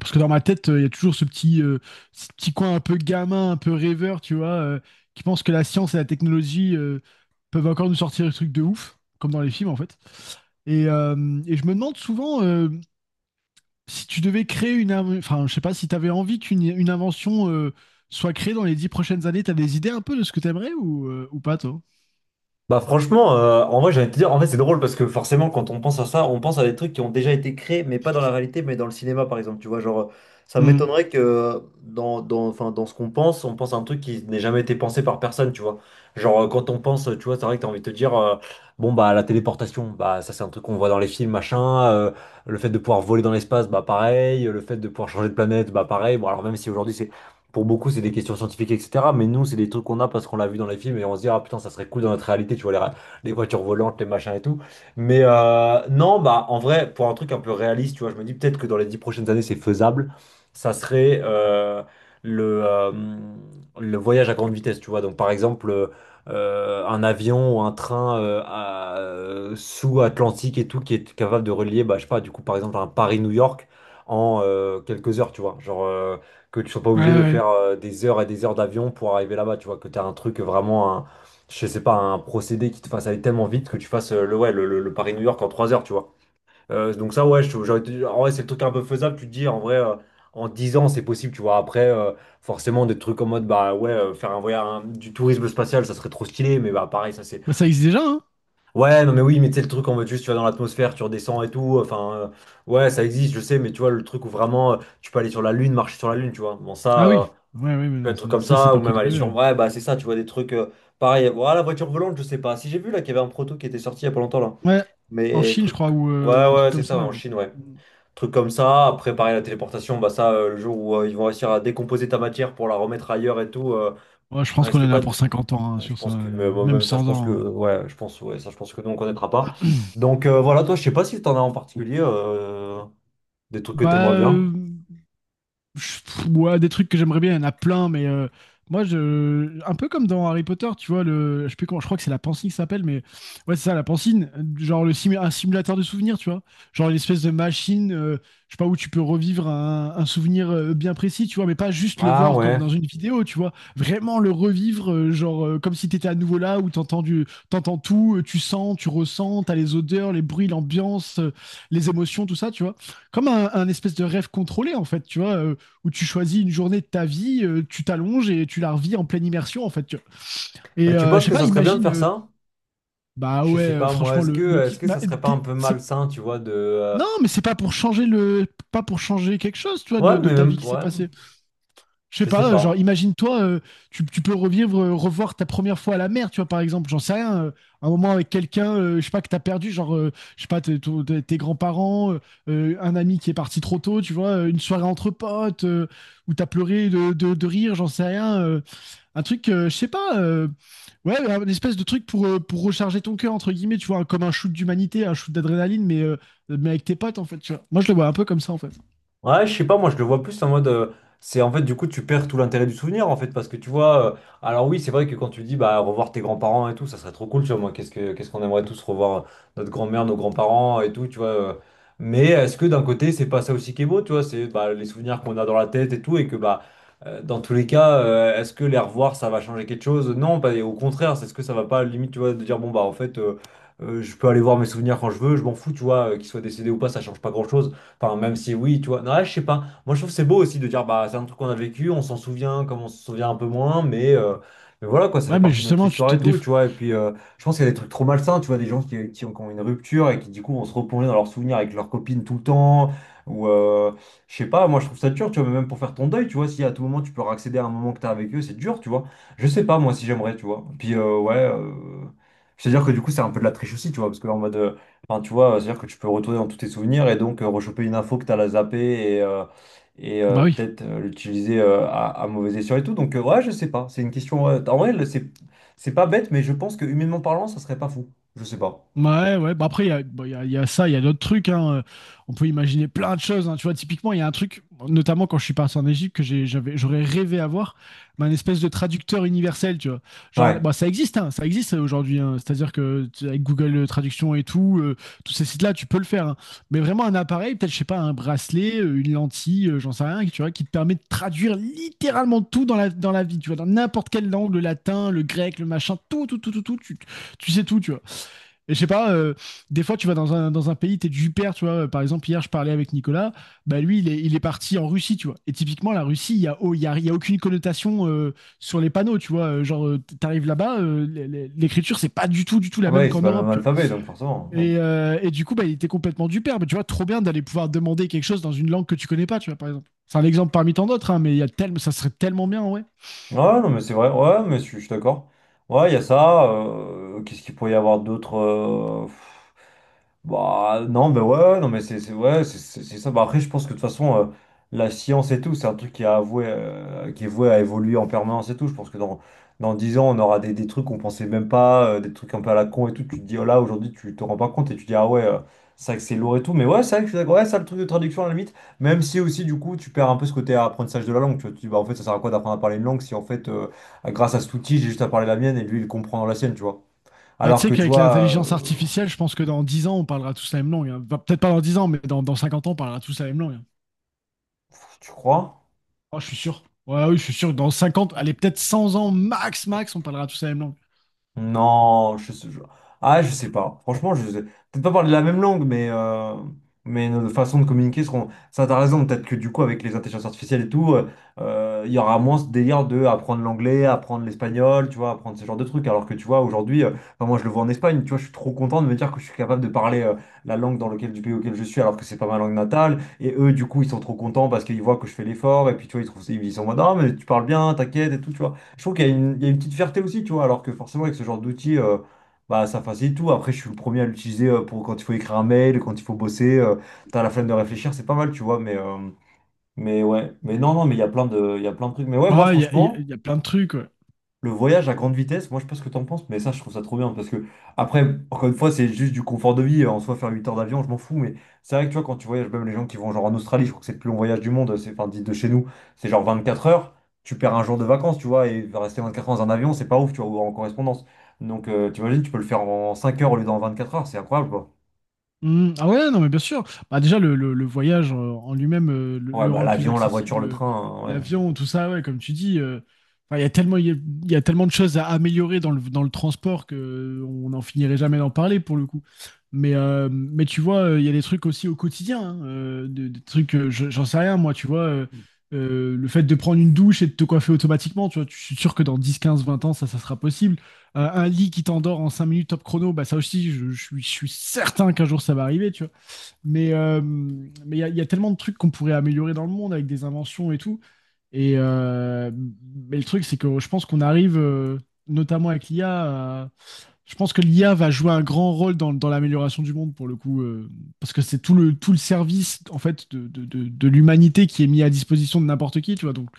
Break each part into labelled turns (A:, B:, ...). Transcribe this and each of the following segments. A: Parce que dans ma tête, il y a toujours ce petit coin un peu gamin, un peu rêveur, tu vois, qui pense que la science et la technologie peuvent encore nous sortir des trucs de ouf, comme dans les films en fait. Et je me demande souvent si tu devais créer une... Enfin, je sais pas, si tu avais envie qu'une une invention soit créée dans les dix prochaines années, tu as des idées un peu de ce que tu aimerais ou pas, toi?
B: En vrai, j'ai envie de te dire, en fait, c'est drôle parce que forcément, quand on pense à ça, on pense à des trucs qui ont déjà été créés, mais pas dans la réalité, mais dans le cinéma, par exemple. Tu vois, genre, ça
A: Hmm.
B: m'étonnerait que dans ce qu'on pense, on pense à un truc qui n'ait jamais été pensé par personne, tu vois. Genre, quand on pense, tu vois, c'est vrai que t'as envie de te dire, bon, bah, la téléportation, bah, ça, c'est un truc qu'on voit dans les films, machin. Le fait de pouvoir voler dans l'espace, bah, pareil. Le fait de pouvoir changer de planète, bah, pareil. Bon, alors, même si aujourd'hui, c'est pour beaucoup, c'est des questions scientifiques, etc. Mais nous, c'est des trucs qu'on a parce qu'on l'a vu dans les films et on se dit, ah putain, ça serait cool dans notre réalité, tu vois, les voitures volantes, les machins et tout. Mais non, bah en vrai, pour un truc un peu réaliste, tu vois, je me dis peut-être que dans les 10 prochaines années, c'est faisable. Ça serait le, euh, le voyage à grande vitesse, tu vois. Donc par exemple, un avion ou un train sous-Atlantique et tout qui est capable de relier, bah, je sais pas, du coup, par exemple, un Paris-New York en quelques heures, tu vois. Que tu sois pas
A: Ouais,
B: obligé de
A: ouais.
B: faire des heures et des heures d'avion pour arriver là-bas, tu vois, que tu as un truc vraiment, je sais pas, un procédé qui te fasse aller tellement vite que tu fasses le, ouais, le Paris-New York en 3 heures, tu vois. Donc ça, ouais, en vrai, c'est le truc un peu faisable, tu te dis, en vrai, en 10 ans, c'est possible, tu vois. Après, forcément, des trucs en mode, bah ouais, faire un voyage, du tourisme spatial, ça serait trop stylé, mais bah pareil, ça c'est...
A: Bah, ça existe déjà, hein?
B: Ouais, non mais oui, mais tu sais, le truc en mode juste, tu vas dans l'atmosphère, tu redescends et tout, ouais, ça existe, je sais, mais tu vois, le truc où vraiment tu peux aller sur la Lune, marcher sur la Lune, tu vois. Bon, ça,
A: Ah oui. Ouais, ouais, mais
B: peut
A: non,
B: être
A: ça,
B: comme
A: ça, c'est
B: ça, ou
A: pas près
B: même aller
A: d'arriver.
B: sur.
A: Ouais.
B: Ouais, bah c'est ça, tu vois, des trucs, pareil, voilà, la voiture volante, je sais pas. Si j'ai vu là qu'il y avait un proto qui était sorti il y a pas longtemps là.
A: Ouais, en
B: Mais
A: Chine, je
B: truc.
A: crois,
B: Ouais,
A: ou un truc
B: ouais, c'est
A: comme
B: ça, ouais,
A: ça.
B: en Chine, ouais. Truc comme ça, après, pareil, la téléportation, bah ça, le jour où ils vont réussir à décomposer ta matière pour la remettre ailleurs et tout,
A: Ouais, je
B: ça
A: pense qu'on
B: risque
A: est là
B: pas
A: pour
B: de.
A: 50 ans, hein,
B: Ouais, je
A: sur ça,
B: pense que. Mais bon,
A: même
B: même ça, je
A: 100
B: pense que.
A: ans, hein.
B: Ouais, je pense, ouais, ça, je pense que nous, on connaîtra pas. Donc voilà, toi, je sais pas si t'en as en particulier des trucs que
A: Bah,
B: t'aimerais bien.
A: euh, Ouais, des trucs que j'aimerais bien, il y en a plein, mais moi, je, un peu comme dans Harry Potter, tu vois, le, je sais plus comment, je crois que c'est la pensine qui s'appelle, mais ouais, c'est ça, la pensine, genre un simulateur de souvenirs, tu vois, genre une espèce de machine, je sais pas, où tu peux revivre un souvenir bien précis, tu vois, mais pas juste le
B: Ah
A: voir comme
B: ouais.
A: dans une vidéo, tu vois, vraiment le revivre, genre comme si t'étais à nouveau là, où t'entends tout, tu sens, tu ressens, t'as les odeurs, les bruits, l'ambiance, les émotions, tout ça, tu vois, comme un espèce de rêve contrôlé, en fait, tu vois, où tu choisis une journée de ta vie, tu t'allonges et tu la revis en pleine immersion, en fait, tu vois. Et
B: Bah, tu
A: je
B: penses
A: sais
B: que
A: pas,
B: ça serait bien de
A: imagine,
B: faire ça?
A: bah
B: Je
A: ouais,
B: sais pas moi,
A: franchement,
B: est-ce
A: le
B: que est-ce
A: kiff.
B: que
A: Bah,
B: ça serait pas un
A: t'es-
B: peu
A: c'est-
B: malsain, tu vois, de
A: non, mais c'est pas pour changer le, pas pour changer quelque chose, tu vois,
B: ouais,
A: de
B: mais
A: ta
B: même
A: vie qui
B: pour
A: s'est
B: ouais,
A: passée. Je sais
B: je sais
A: pas, genre,
B: pas.
A: imagine-toi, tu peux revivre, revoir ta première fois à la mer, tu vois, par exemple, j'en sais rien, un moment avec quelqu'un, je sais pas, que t'as perdu, genre, je sais pas, tes grands-parents, un ami qui est parti trop tôt, tu vois, une soirée entre potes, où t'as pleuré de rire, j'en sais rien. Un truc, je sais pas, ouais, une espèce de truc pour recharger ton cœur, entre guillemets, tu vois, comme un shoot d'humanité, un shoot d'adrénaline, mais avec tes potes, en fait, tu vois. Moi, je le vois un peu comme ça, en fait.
B: Ouais, je sais pas, moi je le vois plus en mode. C'est en fait, du coup, tu perds tout l'intérêt du souvenir en fait, parce que tu vois. Alors, oui, c'est vrai que quand tu dis bah revoir tes grands-parents et tout, ça serait trop cool, tu vois. Moi, qu'est-ce qu'on aimerait tous revoir notre grand-mère, nos grands-parents et tout, tu vois. Mais est-ce que d'un côté, c'est pas ça aussi qui est beau, tu vois, c'est bah, les souvenirs qu'on a dans la tête et tout, et que bah. Dans tous les cas, est-ce que les revoir, ça va changer quelque chose? Non, bah, et au contraire, c'est ce que ça va pas, limite, tu vois, de dire, bon, bah, en fait, je peux aller voir mes souvenirs quand je veux, je m'en fous, tu vois, qu'ils soient décédés ou pas, ça change pas grand-chose. Enfin, même si oui, tu vois. Non, là, je sais pas. Moi, je trouve que c'est beau aussi de dire, bah, c'est un truc qu'on a vécu, on s'en souvient comme on se souvient un peu moins, mais mais voilà, quoi, ça fait
A: Ouais, mais
B: partie de notre
A: justement,
B: histoire et tout, tu vois. Et puis, je pense qu'il y a des trucs trop malsains, tu vois, des gens qui ont une rupture et qui, du coup, vont se replonger dans leurs souvenirs avec leurs copines tout le temps, ou je sais pas, moi, je trouve ça dur, tu vois, mais même pour faire ton deuil, tu vois, si à tout moment tu peux accéder à un moment que t'as avec eux, c'est dur, tu vois. Je sais pas, moi, si j'aimerais, tu vois. Puis, ouais. C'est-à-dire que du coup, c'est un peu de la triche aussi, tu vois, parce que en mode. Enfin, tu vois, c'est-à-dire que tu peux retourner dans tous tes souvenirs et donc rechoper une info que tu as la zappée et, euh, et
A: Ah,
B: euh,
A: bah oui.
B: peut-être l'utiliser à mauvais escient et tout. Donc, ouais, je sais pas. C'est une question. En vrai, c'est pas bête, mais je pense que humainement parlant, ça serait pas fou. Je sais pas.
A: Ouais, ouais. Bah après, il y a, bon, il y a ça, il y a d'autres trucs, hein. On peut imaginer plein de choses, hein. Tu vois, typiquement, il y a un truc, notamment quand je suis parti en Égypte, que j'avais, j'aurais rêvé avoir, mais un espèce de traducteur universel, tu vois. Genre,
B: Ouais.
A: bah ça existe, hein, ça existe aujourd'hui, hein. C'est-à-dire que avec Google Traduction et tout, tous ces sites-là, tu peux le faire, hein. Mais vraiment, un appareil, peut-être, je sais pas, un bracelet, une lentille, j'en sais rien, tu vois, qui te permet de traduire littéralement tout dans la vie, tu vois, dans n'importe quelle langue, le latin, le grec, le machin, tout, tout, tout, tout, tout, tu sais tout, tu vois. Et je sais pas, des fois tu vas dans un pays, t'es du père, tu vois. Par exemple, hier je parlais avec Nicolas, bah lui il est parti en Russie, tu vois. Et typiquement, la Russie, il y a, oh, il y a aucune connotation sur les panneaux, tu vois. Genre, t'arrives là-bas, l'écriture c'est pas du tout, du tout
B: Ah,
A: la
B: bah
A: même
B: oui, c'est
A: qu'en
B: pas le même
A: Europe, tu
B: alphabet, donc forcément.
A: vois. Et du coup, bah il était complètement du père. Mais tu vois, trop bien d'aller pouvoir demander quelque chose dans une langue que tu connais pas, tu vois, par exemple. C'est un exemple parmi tant d'autres, hein, mais il y a tellement, ça serait tellement bien, ouais.
B: Ouais, non, mais c'est vrai. Ouais, mais je suis d'accord. Ouais, il y a ça. Qu'est-ce qu'il pourrait y avoir d'autre bah, non, mais ouais, non, mais ouais, c'est ça. Bah, après, je pense que de toute façon, la science et tout, c'est un truc qui est voué à évoluer en permanence et tout. Je pense que dans 10 ans, on aura des trucs qu'on pensait même pas, des trucs un peu à la con et tout. Tu te dis, oh là, aujourd'hui, tu te rends pas compte et tu te dis, ah ouais, ça accélère et tout. Mais ouais, c'est vrai que je suis d'accord. Ouais, ça, le truc de traduction, à la limite. Même si aussi, du coup, tu perds un peu ce côté apprentissage de la langue. Tu vois, tu dis, bah, en fait, ça sert à quoi d'apprendre à parler une langue si, en fait, grâce à cet outil, j'ai juste à parler la mienne et lui, il comprend la sienne, tu vois.
A: Bah, tu
B: Alors
A: sais
B: que, tu
A: qu'avec
B: vois,
A: l'intelligence artificielle, je pense que dans 10 ans, on parlera tous la même langue, hein. Bah, peut-être pas dans dix ans, mais dans 50 ans, on parlera tous la même langue, hein.
B: tu crois?
A: Oh, je suis sûr. Ouais, oui, je suis sûr que dans 50, allez, peut-être 100 ans, max, max, on parlera tous la même langue.
B: Non, je sais, je- Ah, je sais pas. Franchement, je sais. Peut-être pas parler la même langue, mais mais nos façons de communiquer seront. Ça, t'as raison. Peut-être que du coup, avec les intelligences artificielles et tout, il y aura moins ce délire de apprendre l'anglais, apprendre l'espagnol, tu vois, apprendre ce genre de trucs. Alors que tu vois, aujourd'hui, enfin, moi, je le vois en Espagne, tu vois, je suis trop content de me dire que je suis capable de parler la langue dans lequel, du pays auquel je suis, alors que c'est pas ma langue natale. Et eux, du coup, ils sont trop contents parce qu'ils voient que je fais l'effort. Et puis, tu vois, ils trouvent, ils sont en mode, ah, mais tu parles bien, t'inquiète et tout, tu vois. Je trouve qu'il y a il y a une petite fierté aussi, tu vois, alors que forcément avec ce genre d'outil, bah, ça facilite tout. Après, je suis le premier à l'utiliser pour quand il faut écrire un mail, quand il faut bosser, t'as la flemme de réfléchir, c'est pas mal, tu vois, mais mais ouais, mais non, non, mais il y a il y a plein de trucs. Mais ouais, moi
A: Bah, il
B: franchement,
A: y a plein de trucs, ouais.
B: le voyage à grande vitesse, moi je sais pas ce que t'en penses, mais ça je trouve ça trop bien parce que après, encore une fois, c'est juste du confort de vie. En soi, faire 8 heures d'avion, je m'en fous, mais c'est vrai que tu vois, quand tu voyages, même les gens qui vont genre en Australie, je crois que c'est le plus long voyage du monde, c'est enfin dit de chez nous, c'est genre 24 heures, tu perds un jour de vacances, tu vois, et rester 24 heures dans un avion, c'est pas ouf, tu vois, ou en correspondance. Donc tu imagines, tu peux le faire en 5 heures au lieu d'en 24 heures, c'est incroyable quoi.
A: Hmm, ah ouais, non, mais bien sûr. Bah, déjà, le voyage en lui-même,
B: Ouais,
A: le
B: bah
A: rendre plus
B: l'avion, la voiture,
A: accessible,
B: le train, hein, ouais.
A: l'avion, tout ça, ouais, comme tu dis, enfin, il y a tellement de choses à améliorer dans le transport que on n'en finirait jamais d'en parler pour le coup. Mais tu vois, il y a des trucs aussi au quotidien, hein, des trucs, j'en sais rien, moi, tu vois, le fait de prendre une douche et de te coiffer automatiquement, tu vois, je suis sûr que dans 10 15 20 ans, ça sera possible. Un lit qui t'endort en 5 minutes top chrono, bah ça aussi, je suis certain qu'un jour ça va arriver, tu vois. Mais il y a tellement de trucs qu'on pourrait améliorer dans le monde avec des inventions et tout. Et mais le truc, c'est que je pense qu'on arrive, notamment avec l'IA, je pense que l'IA va jouer un grand rôle dans l'amélioration du monde pour le coup, parce que c'est tout le service en fait de l'humanité qui est mis à disposition de n'importe qui, tu vois. Donc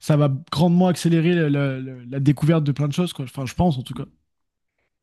A: ça va grandement accélérer la découverte de plein de choses, quoi. Enfin, je pense en tout cas.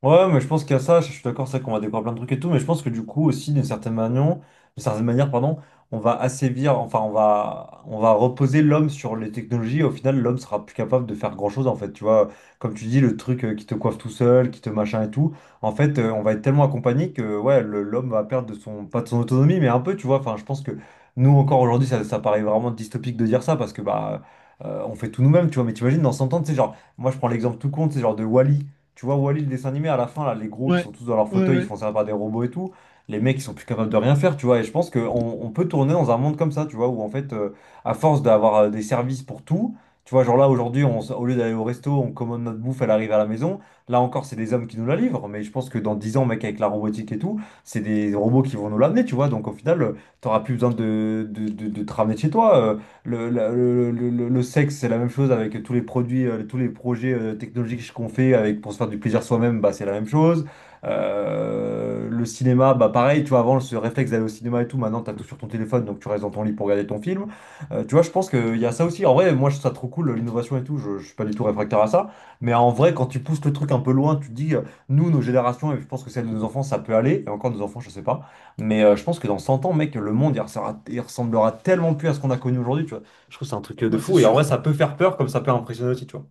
B: Ouais, mais je pense qu'il y a ça, je suis d'accord, c'est vrai qu'on va découvrir plein de trucs et tout, mais je pense que du coup aussi, d'une certaine manière, pardon, on va assévir, enfin on va reposer l'homme sur les technologies, et au final l'homme sera plus capable de faire grand-chose en fait, tu vois, comme tu dis, le truc qui te coiffe tout seul, qui te machin et tout, en fait on va être tellement accompagné que ouais, l'homme va perdre de son, pas de son autonomie, mais un peu, tu vois, enfin je pense que nous encore aujourd'hui, ça paraît vraiment dystopique de dire ça, parce que bah... on fait tout nous-mêmes, tu vois, mais t'imagines dans 100 ans, tu sais, genre, moi je prends l'exemple tout con, c'est genre de Wall-E tu vois, Wall-E, le dessin animé, à la fin, là, les gros qui
A: Ouais,
B: sont tous dans leur
A: ouais,
B: fauteuil, ils se
A: ouais.
B: font servir par des robots et tout. Les mecs, ils sont plus capables de rien faire, tu vois. Et je pense qu'on peut tourner dans un monde comme ça, tu vois, où en fait, à force d'avoir des services pour tout, tu vois, genre là, aujourd'hui, au lieu d'aller au resto, on commande notre bouffe, elle arrive à la maison. Là encore, c'est des hommes qui nous la livrent. Mais je pense que dans 10 ans, mec, avec la robotique et tout, c'est des robots qui vont nous l'amener, tu vois. Donc au final, t'auras plus besoin de te ramener de chez toi. Le, la- le sexe, c'est la même chose avec tous les produits, tous les projets technologiques qu'on fait avec, pour se faire du plaisir soi-même, bah, c'est la même chose. Le cinéma, bah pareil, tu vois, avant ce réflexe d'aller au cinéma et tout, maintenant t'as tout sur ton téléphone, donc tu restes dans ton lit pour regarder ton film. Tu vois, je pense qu'il y a ça aussi. En vrai, moi je trouve ça trop cool, l'innovation et tout, je suis pas du tout réfractaire à ça. Mais en vrai, quand tu pousses le truc un peu loin, tu te dis, nous, nos générations, et je pense que celle de nos enfants, ça peut aller, et encore nos enfants, je sais pas. Mais je pense que dans 100 ans, mec, le monde, il ressemblera tellement plus à ce qu'on a connu aujourd'hui, tu vois. Je trouve que c'est un truc de
A: Bah, c'est
B: fou. Et en vrai,
A: sûr.
B: ça peut faire peur comme ça peut impressionner aussi, tu vois.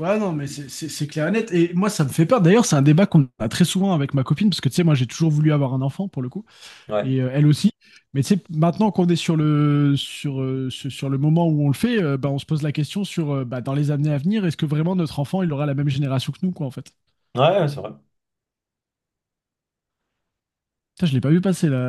A: Ouais, non, mais c'est clair et net. Et moi, ça me fait peur. D'ailleurs, c'est un débat qu'on a très souvent avec ma copine, parce que tu sais, moi, j'ai toujours voulu avoir un enfant pour le coup,
B: Ouais,
A: et elle aussi. Mais tu sais, maintenant qu'on est sur sur le moment où on le fait, bah, on se pose la question sur bah, dans les années à venir, est-ce que vraiment notre enfant, il aura la même génération que nous, quoi, en fait?
B: ouais, c'est vrai.
A: Putain, je l'ai pas vu passer là,